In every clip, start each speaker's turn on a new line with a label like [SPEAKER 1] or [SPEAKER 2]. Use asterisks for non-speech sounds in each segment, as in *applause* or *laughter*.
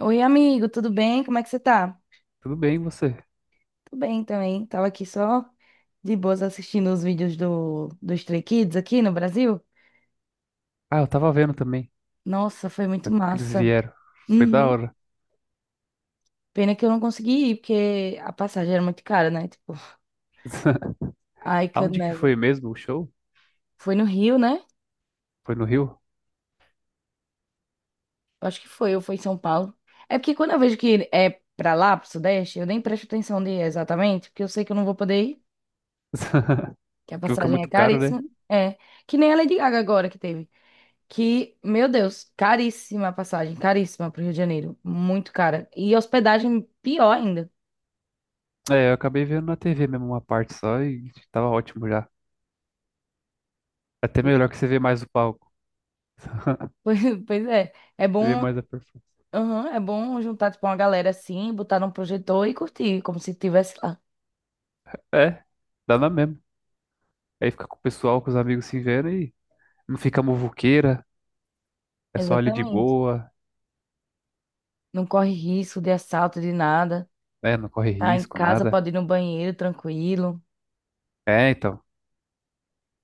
[SPEAKER 1] Oi, amigo, tudo bem? Como é que você tá?
[SPEAKER 2] Tudo bem, e você?
[SPEAKER 1] Tô bem também. Tava aqui só de boas assistindo os vídeos do Stray Kids aqui no Brasil.
[SPEAKER 2] Ah, eu tava vendo também
[SPEAKER 1] Nossa, foi muito
[SPEAKER 2] né, que eles
[SPEAKER 1] massa.
[SPEAKER 2] vieram. Foi da
[SPEAKER 1] Uhum.
[SPEAKER 2] hora.
[SPEAKER 1] Pena que eu não consegui ir, porque a passagem era muito cara, né? Tipo,
[SPEAKER 2] *laughs*
[SPEAKER 1] I could
[SPEAKER 2] Aonde que
[SPEAKER 1] never.
[SPEAKER 2] foi mesmo o show?
[SPEAKER 1] Foi no Rio, né?
[SPEAKER 2] Foi no Rio?
[SPEAKER 1] Eu acho que foi, ou foi em São Paulo. É porque quando eu vejo que é pra lá, pro Sudeste, eu nem presto atenção de exatamente, porque eu sei que eu não vou poder ir,
[SPEAKER 2] *laughs*
[SPEAKER 1] que a
[SPEAKER 2] Que fica
[SPEAKER 1] passagem é
[SPEAKER 2] muito caro, né?
[SPEAKER 1] caríssima. É, que nem a Lady Gaga agora que teve. Que, meu Deus, caríssima a passagem, caríssima pro Rio de Janeiro, muito cara. E hospedagem pior ainda.
[SPEAKER 2] É, eu acabei vendo na TV mesmo uma parte só e tava ótimo já. É até
[SPEAKER 1] Pois
[SPEAKER 2] melhor
[SPEAKER 1] é.
[SPEAKER 2] que
[SPEAKER 1] *laughs*
[SPEAKER 2] você vê mais o palco,
[SPEAKER 1] Pois, pois é, é
[SPEAKER 2] você vê
[SPEAKER 1] bom,
[SPEAKER 2] mais a performance.
[SPEAKER 1] aham, é bom juntar tipo uma galera assim, botar num projetor e curtir, como se estivesse lá.
[SPEAKER 2] É, dá na mesma. Aí fica com o pessoal, com os amigos se vendo e não fica muvuqueira, é só ali de
[SPEAKER 1] Exatamente.
[SPEAKER 2] boa,
[SPEAKER 1] Não corre risco de assalto, de nada.
[SPEAKER 2] né? Não corre
[SPEAKER 1] Tá em
[SPEAKER 2] risco,
[SPEAKER 1] casa,
[SPEAKER 2] nada.
[SPEAKER 1] pode ir no banheiro tranquilo.
[SPEAKER 2] É, então,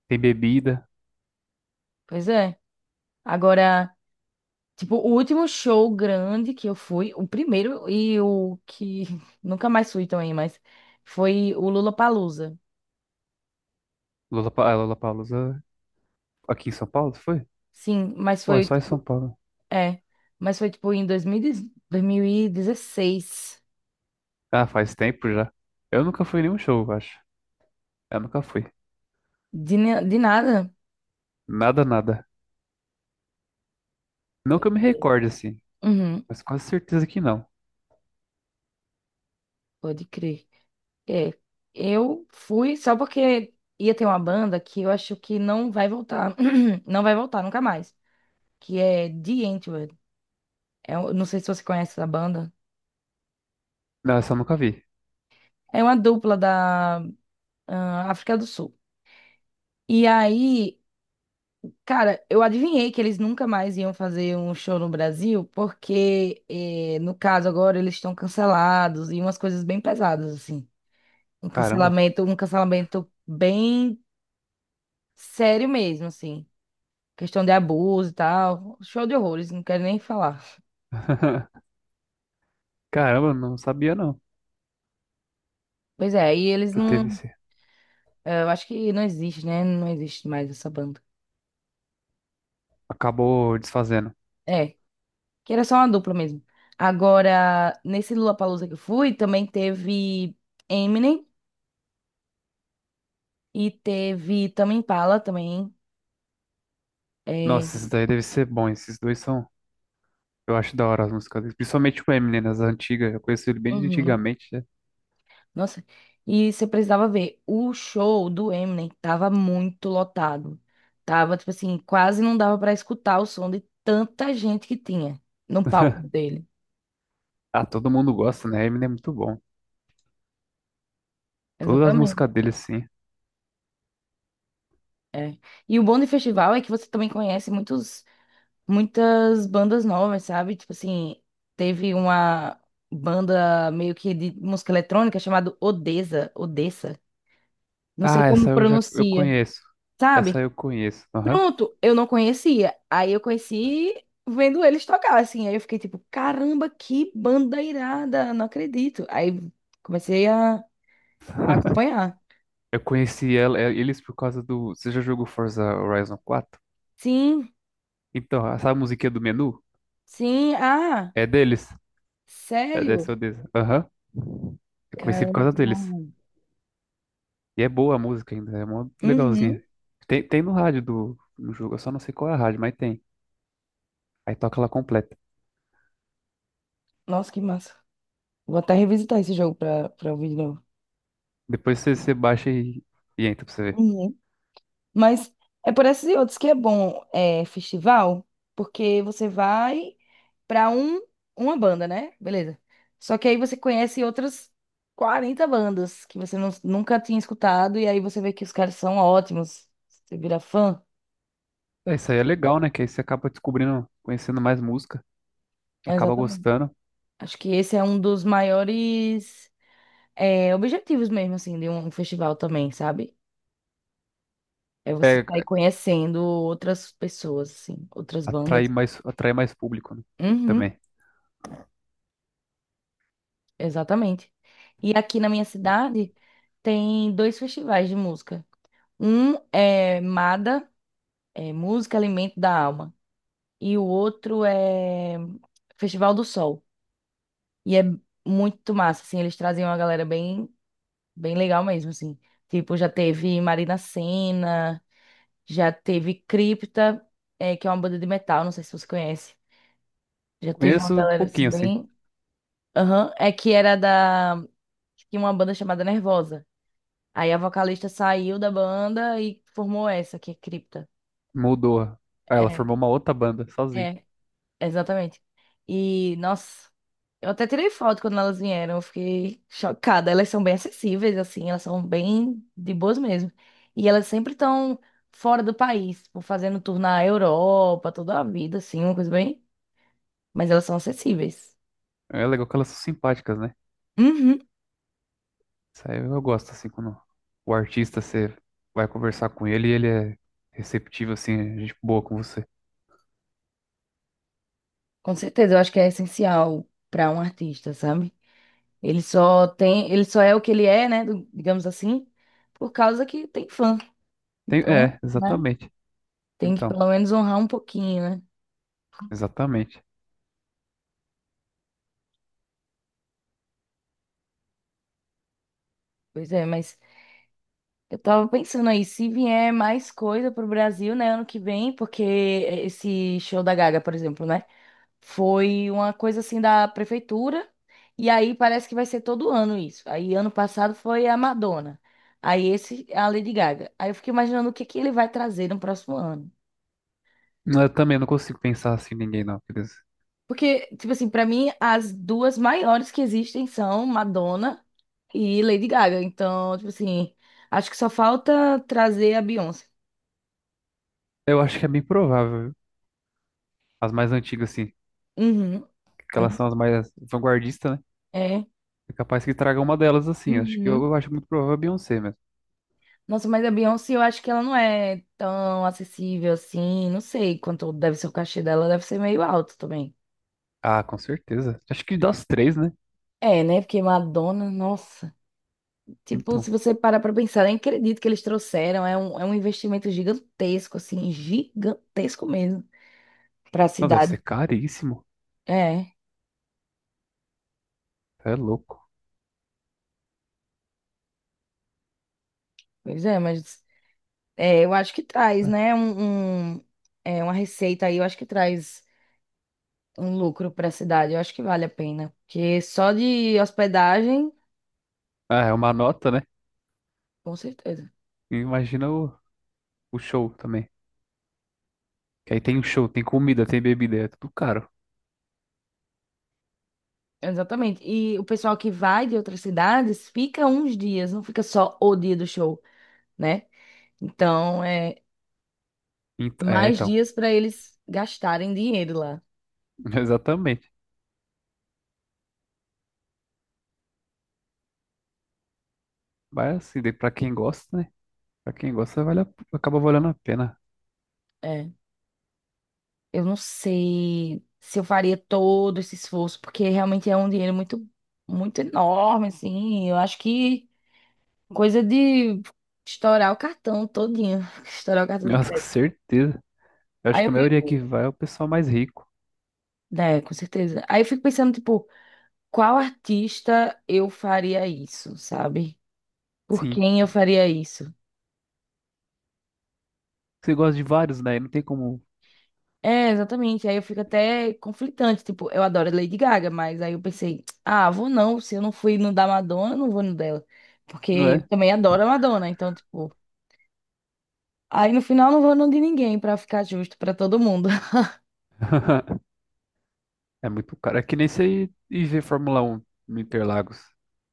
[SPEAKER 2] tem bebida.
[SPEAKER 1] Pois é. Agora, tipo, o último show grande que eu fui, o primeiro e o que *laughs* nunca mais fui também, mas foi o Lula Lollapalooza.
[SPEAKER 2] Lola, Lollapalooza aqui em São Paulo, foi?
[SPEAKER 1] Sim, mas
[SPEAKER 2] Pô, é
[SPEAKER 1] foi
[SPEAKER 2] só em São
[SPEAKER 1] tipo,
[SPEAKER 2] Paulo.
[SPEAKER 1] é, mas foi tipo em 2010 2016.
[SPEAKER 2] Ah, faz tempo já. Eu nunca fui em nenhum show, eu acho. Eu nunca fui.
[SPEAKER 1] De, de nada.
[SPEAKER 2] Nada, nada. Não que
[SPEAKER 1] Pode
[SPEAKER 2] eu me
[SPEAKER 1] crer.
[SPEAKER 2] recorde, assim.
[SPEAKER 1] Uhum,
[SPEAKER 2] Mas quase certeza que não.
[SPEAKER 1] pode crer. É, eu fui só porque ia ter uma banda que eu acho que não vai voltar, *clears throat* não vai voltar nunca mais, que é The Antwoord. É, não sei se você conhece essa banda.
[SPEAKER 2] Não, essa eu nunca vi.
[SPEAKER 1] É uma dupla da ah, África do Sul. E aí cara, eu adivinhei que eles nunca mais iam fazer um show no Brasil, porque, eh, no caso, agora eles estão cancelados e umas coisas bem pesadas, assim.
[SPEAKER 2] Caramba.
[SPEAKER 1] Um cancelamento bem sério mesmo, assim. Questão de abuso e tal. Show de horrores, não quero nem falar.
[SPEAKER 2] *laughs* Caramba, não sabia não
[SPEAKER 1] Pois é, e eles
[SPEAKER 2] que teve
[SPEAKER 1] não.
[SPEAKER 2] esse.
[SPEAKER 1] Eu acho que não existe, né? Não existe mais essa banda.
[SPEAKER 2] Acabou desfazendo.
[SPEAKER 1] É, que era só uma dupla mesmo. Agora, nesse Lollapalooza que eu fui, também teve Eminem. E teve Tame Impala também. É,
[SPEAKER 2] Nossa, esses daí deve ser bom. Esses dois são. Eu acho da hora as músicas. Deles. Principalmente o Eminem, nas antigas. Eu conheço ele bem de
[SPEAKER 1] uhum.
[SPEAKER 2] antigamente, né?
[SPEAKER 1] Nossa, e você precisava ver, o show do Eminem tava muito lotado. Tava, tipo assim, quase não dava pra escutar o som de tanta gente que tinha no palco
[SPEAKER 2] *laughs*
[SPEAKER 1] dele.
[SPEAKER 2] Ah, todo mundo gosta, né? Eminem é muito bom. Todas as
[SPEAKER 1] Exatamente.
[SPEAKER 2] músicas dele, sim.
[SPEAKER 1] É. E o bom do festival é que você também conhece muitos, muitas bandas novas, sabe? Tipo assim, teve uma banda meio que de música eletrônica chamada Odessa, Odessa. Não sei
[SPEAKER 2] Ah,
[SPEAKER 1] como
[SPEAKER 2] essa eu já eu
[SPEAKER 1] pronuncia.
[SPEAKER 2] conheço. Essa
[SPEAKER 1] Sabe?
[SPEAKER 2] eu conheço. Aham.
[SPEAKER 1] Pronto, eu não conhecia. Aí eu conheci vendo eles tocar, assim. Aí eu fiquei tipo, caramba, que banda irada, não acredito. Aí comecei a acompanhar.
[SPEAKER 2] Eu conheci ela, eles por causa do. Você já jogou Forza Horizon 4?
[SPEAKER 1] Sim,
[SPEAKER 2] Então, essa musiquinha do menu
[SPEAKER 1] sim, ah,
[SPEAKER 2] é deles. É
[SPEAKER 1] sério?
[SPEAKER 2] dessa. Aham. Eu conheci por
[SPEAKER 1] Caramba,
[SPEAKER 2] causa
[SPEAKER 1] muito
[SPEAKER 2] deles.
[SPEAKER 1] bom.
[SPEAKER 2] E é boa a música ainda, é mó
[SPEAKER 1] Uhum.
[SPEAKER 2] legalzinha. Tem no rádio do no jogo, eu só não sei qual é a rádio, mas tem. Aí toca ela completa.
[SPEAKER 1] Nossa, que massa. Vou até revisitar esse jogo pra ouvir de novo.
[SPEAKER 2] Depois você baixa e entra pra você ver.
[SPEAKER 1] Uhum. Mas é por esses e outros que é bom, é, festival, porque você vai pra um, uma banda, né? Beleza. Só que aí você conhece outras 40 bandas que você nunca tinha escutado, e aí você vê que os caras são ótimos. Você vira fã.
[SPEAKER 2] É, isso aí é legal, né? Que aí você acaba descobrindo, conhecendo mais música,
[SPEAKER 1] É,
[SPEAKER 2] acaba
[SPEAKER 1] exatamente.
[SPEAKER 2] gostando.
[SPEAKER 1] Acho que esse é um dos maiores, é, objetivos mesmo, assim, de um festival também, sabe? É você
[SPEAKER 2] É,
[SPEAKER 1] sair conhecendo outras pessoas, assim, outras
[SPEAKER 2] atrai
[SPEAKER 1] bandas.
[SPEAKER 2] mais, atrai mais público, né?
[SPEAKER 1] Uhum,
[SPEAKER 2] Também.
[SPEAKER 1] exatamente. E aqui na minha cidade tem dois festivais de música. Um é MADA, é Música Alimento da Alma. E o outro é Festival do Sol. E é muito massa, assim, eles trazem uma galera bem, bem legal mesmo, assim. Tipo, já teve Marina Sena, já teve Cripta, é, que é uma banda de metal, não sei se você conhece. Já teve uma
[SPEAKER 2] Conheço um
[SPEAKER 1] galera assim
[SPEAKER 2] pouquinho, assim.
[SPEAKER 1] bem. Aham, é que era da. Tinha uma banda chamada Nervosa. Aí a vocalista saiu da banda e formou essa, que é Cripta.
[SPEAKER 2] Mudou. Aí ela
[SPEAKER 1] É,
[SPEAKER 2] formou uma outra banda, sozinha.
[SPEAKER 1] é, exatamente. E, nossa. Eu até tirei foto quando elas vieram, eu fiquei chocada. Elas são bem acessíveis, assim, elas são bem de boas mesmo. E elas sempre estão fora do país, tipo, fazendo tour na Europa, toda a vida, assim, uma coisa bem. Mas elas são acessíveis.
[SPEAKER 2] É legal que elas são simpáticas, né?
[SPEAKER 1] Uhum.
[SPEAKER 2] Isso aí eu gosto, assim, quando o artista, você vai conversar com ele e ele é receptivo, assim, é gente boa com você.
[SPEAKER 1] Com certeza, eu acho que é essencial para um artista, sabe? Ele só tem, ele só é o que ele é, né, digamos assim, por causa que tem fã.
[SPEAKER 2] Tem-
[SPEAKER 1] Então,
[SPEAKER 2] é,
[SPEAKER 1] né,
[SPEAKER 2] exatamente.
[SPEAKER 1] tem que
[SPEAKER 2] Então,
[SPEAKER 1] pelo menos honrar um pouquinho, né?
[SPEAKER 2] exatamente.
[SPEAKER 1] Pois é, mas. Eu tava pensando aí, se vier mais coisa pro Brasil, né, ano que vem, porque esse show da Gaga, por exemplo, né, foi uma coisa assim da prefeitura, e aí parece que vai ser todo ano isso. Aí ano passado foi a Madonna, aí esse é a Lady Gaga. Aí eu fiquei imaginando o que que ele vai trazer no próximo ano.
[SPEAKER 2] Eu também não consigo pensar assim em ninguém, não. Quer dizer,
[SPEAKER 1] Porque, tipo assim, pra mim as duas maiores que existem são Madonna e Lady Gaga. Então, tipo assim, acho que só falta trazer a Beyoncé.
[SPEAKER 2] eu acho que é bem provável. Viu? As mais antigas, assim,
[SPEAKER 1] Uhum.
[SPEAKER 2] que elas são as mais vanguardistas, né?
[SPEAKER 1] É.
[SPEAKER 2] É capaz que traga uma delas, assim. Acho que eu,
[SPEAKER 1] Uhum.
[SPEAKER 2] eu acho muito provável a Beyoncé mesmo.
[SPEAKER 1] Nossa, mas a Beyoncé, eu acho que ela não é tão acessível assim. Não sei quanto deve ser o cachê dela, deve ser meio alto também.
[SPEAKER 2] Ah, com certeza. Acho que das três, né?
[SPEAKER 1] É, né? Porque Madonna, nossa. Tipo,
[SPEAKER 2] Então.
[SPEAKER 1] se você parar pra pensar, nem acredito que eles trouxeram. É um investimento gigantesco, assim, gigantesco mesmo pra
[SPEAKER 2] Não, deve ser
[SPEAKER 1] cidade.
[SPEAKER 2] caríssimo.
[SPEAKER 1] É,
[SPEAKER 2] É louco.
[SPEAKER 1] pois é, mas é, eu acho que traz,
[SPEAKER 2] É.
[SPEAKER 1] né? É, uma receita aí, eu acho que traz um lucro pra cidade. Eu acho que vale a pena. Porque só de hospedagem.
[SPEAKER 2] Ah, é uma nota, né?
[SPEAKER 1] Com certeza.
[SPEAKER 2] E imagina o show também. Que aí tem o show, tem comida, tem bebida, é tudo caro.
[SPEAKER 1] Exatamente. E o pessoal que vai de outras cidades fica uns dias, não fica só o dia do show, né? Então, é
[SPEAKER 2] Ent- é,
[SPEAKER 1] mais
[SPEAKER 2] então.
[SPEAKER 1] dias para eles gastarem dinheiro lá.
[SPEAKER 2] *laughs* Exatamente. Mas assim, daí pra quem gosta, né? Pra quem gosta, vale a- acaba valendo a pena.
[SPEAKER 1] É. Eu não sei se eu faria todo esse esforço, porque realmente é um dinheiro muito, muito enorme, assim. Eu acho que coisa de estourar o cartão todinho, *laughs* estourar o cartão de
[SPEAKER 2] Nossa, com
[SPEAKER 1] crédito.
[SPEAKER 2] certeza. Eu acho
[SPEAKER 1] Aí eu
[SPEAKER 2] que a maioria que
[SPEAKER 1] fico,
[SPEAKER 2] vai é o pessoal mais rico.
[SPEAKER 1] né, com certeza. Aí eu fico pensando, tipo, qual artista eu faria isso, sabe? Por
[SPEAKER 2] Sim.
[SPEAKER 1] quem eu faria isso?
[SPEAKER 2] Você gosta de vários, né? Não tem como.
[SPEAKER 1] É, exatamente. Aí eu fico até conflitante. Tipo, eu adoro a Lady Gaga, mas aí eu pensei, ah, vou não. Se eu não fui no da Madonna, eu não vou no dela. Porque
[SPEAKER 2] Não
[SPEAKER 1] eu
[SPEAKER 2] é?
[SPEAKER 1] também adoro a Madonna. Então, tipo, aí no final não vou no de ninguém pra ficar justo pra todo mundo. *laughs*
[SPEAKER 2] É muito caro. É que nem você ir ver Fórmula Um no Interlagos.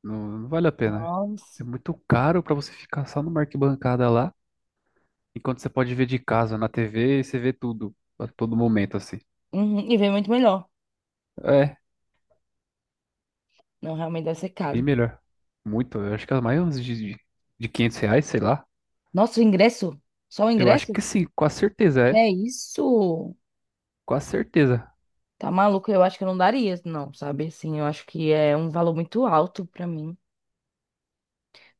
[SPEAKER 2] Não, não vale a pena.
[SPEAKER 1] Nossa.
[SPEAKER 2] É muito caro pra você ficar só numa arquibancada lá, enquanto você pode ver de casa na TV e você vê tudo, a todo momento, assim.
[SPEAKER 1] Uhum, e vem muito melhor.
[SPEAKER 2] É,
[SPEAKER 1] Não, realmente deve ser
[SPEAKER 2] bem
[SPEAKER 1] caro.
[SPEAKER 2] melhor. Muito. Eu acho que é mais uns de 500 reais, sei lá.
[SPEAKER 1] Nossa, o ingresso? Só o
[SPEAKER 2] Eu acho
[SPEAKER 1] ingresso?
[SPEAKER 2] que sim, com a certeza
[SPEAKER 1] Que
[SPEAKER 2] é.
[SPEAKER 1] é isso?
[SPEAKER 2] Com a certeza.
[SPEAKER 1] Tá maluco? Eu acho que eu não daria, não, sabe? Assim, eu acho que é um valor muito alto pra mim.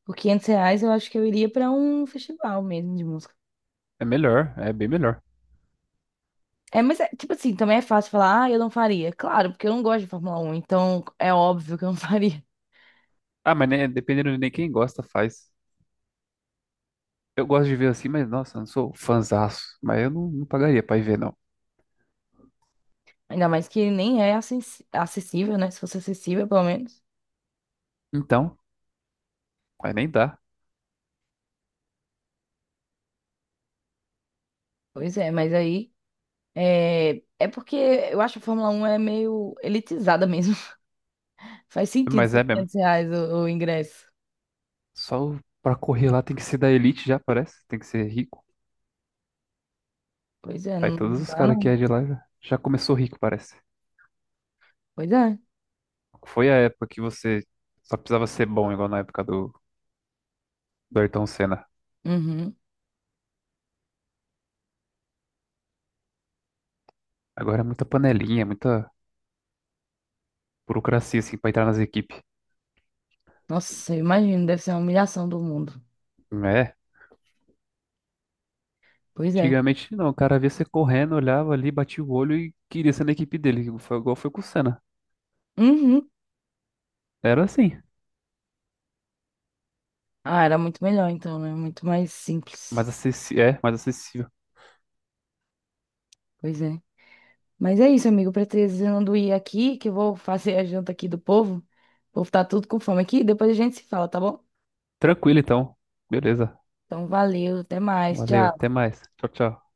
[SPEAKER 1] Por R$ 500 eu acho que eu iria pra um festival mesmo de música.
[SPEAKER 2] É melhor, é bem melhor.
[SPEAKER 1] É, mas é, tipo assim, também é fácil falar, ah, eu não faria. Claro, porque eu não gosto de Fórmula Um, então é óbvio que eu não *laughs* faria.
[SPEAKER 2] Ah, mas né, dependendo de nem quem gosta, faz. Eu gosto de ver assim, mas nossa, eu não sou fanzaço. Mas eu não pagaria pra ir ver, não.
[SPEAKER 1] Ainda mais que nem é acessível, né? Se fosse acessível, pelo menos.
[SPEAKER 2] Então, mas nem dá.
[SPEAKER 1] Pois é, mas aí. É porque eu acho que a Fórmula Um é meio elitizada mesmo. *laughs* Faz sentido
[SPEAKER 2] Mas
[SPEAKER 1] ser
[SPEAKER 2] é mesmo.
[SPEAKER 1] R$ 500 o ingresso.
[SPEAKER 2] Só o- pra correr lá tem que ser da elite já, parece. Tem que ser rico.
[SPEAKER 1] Pois é,
[SPEAKER 2] Aí
[SPEAKER 1] não
[SPEAKER 2] todos os
[SPEAKER 1] dá
[SPEAKER 2] caras que
[SPEAKER 1] não.
[SPEAKER 2] é de lá já começou rico, parece.
[SPEAKER 1] Pois é.
[SPEAKER 2] Foi a época que você só precisava ser bom, igual na época do, do Ayrton Senna.
[SPEAKER 1] Uhum.
[SPEAKER 2] Agora é muita panelinha, muita burocracia, assim, pra entrar nas equipes.
[SPEAKER 1] Nossa, eu imagino, deve ser uma humilhação do mundo.
[SPEAKER 2] É.
[SPEAKER 1] Pois é.
[SPEAKER 2] Antigamente não, o cara via você correndo, olhava ali, batia o olho e queria ser na equipe dele. Foi igual foi com o Senna.
[SPEAKER 1] Uhum.
[SPEAKER 2] Era assim,
[SPEAKER 1] Ah, era muito melhor então, né? Muito mais simples.
[SPEAKER 2] mais acessível. É, mais acessível.
[SPEAKER 1] Pois é. Mas é isso, amigo. Precisando ir aqui, que eu vou fazer a janta aqui do povo. O povo tá tudo com fome aqui. Depois a gente se fala, tá bom?
[SPEAKER 2] Tranquilo então. Beleza.
[SPEAKER 1] Então, valeu. Até mais.
[SPEAKER 2] Valeu,
[SPEAKER 1] Tchau.
[SPEAKER 2] até mais. Tchau, tchau.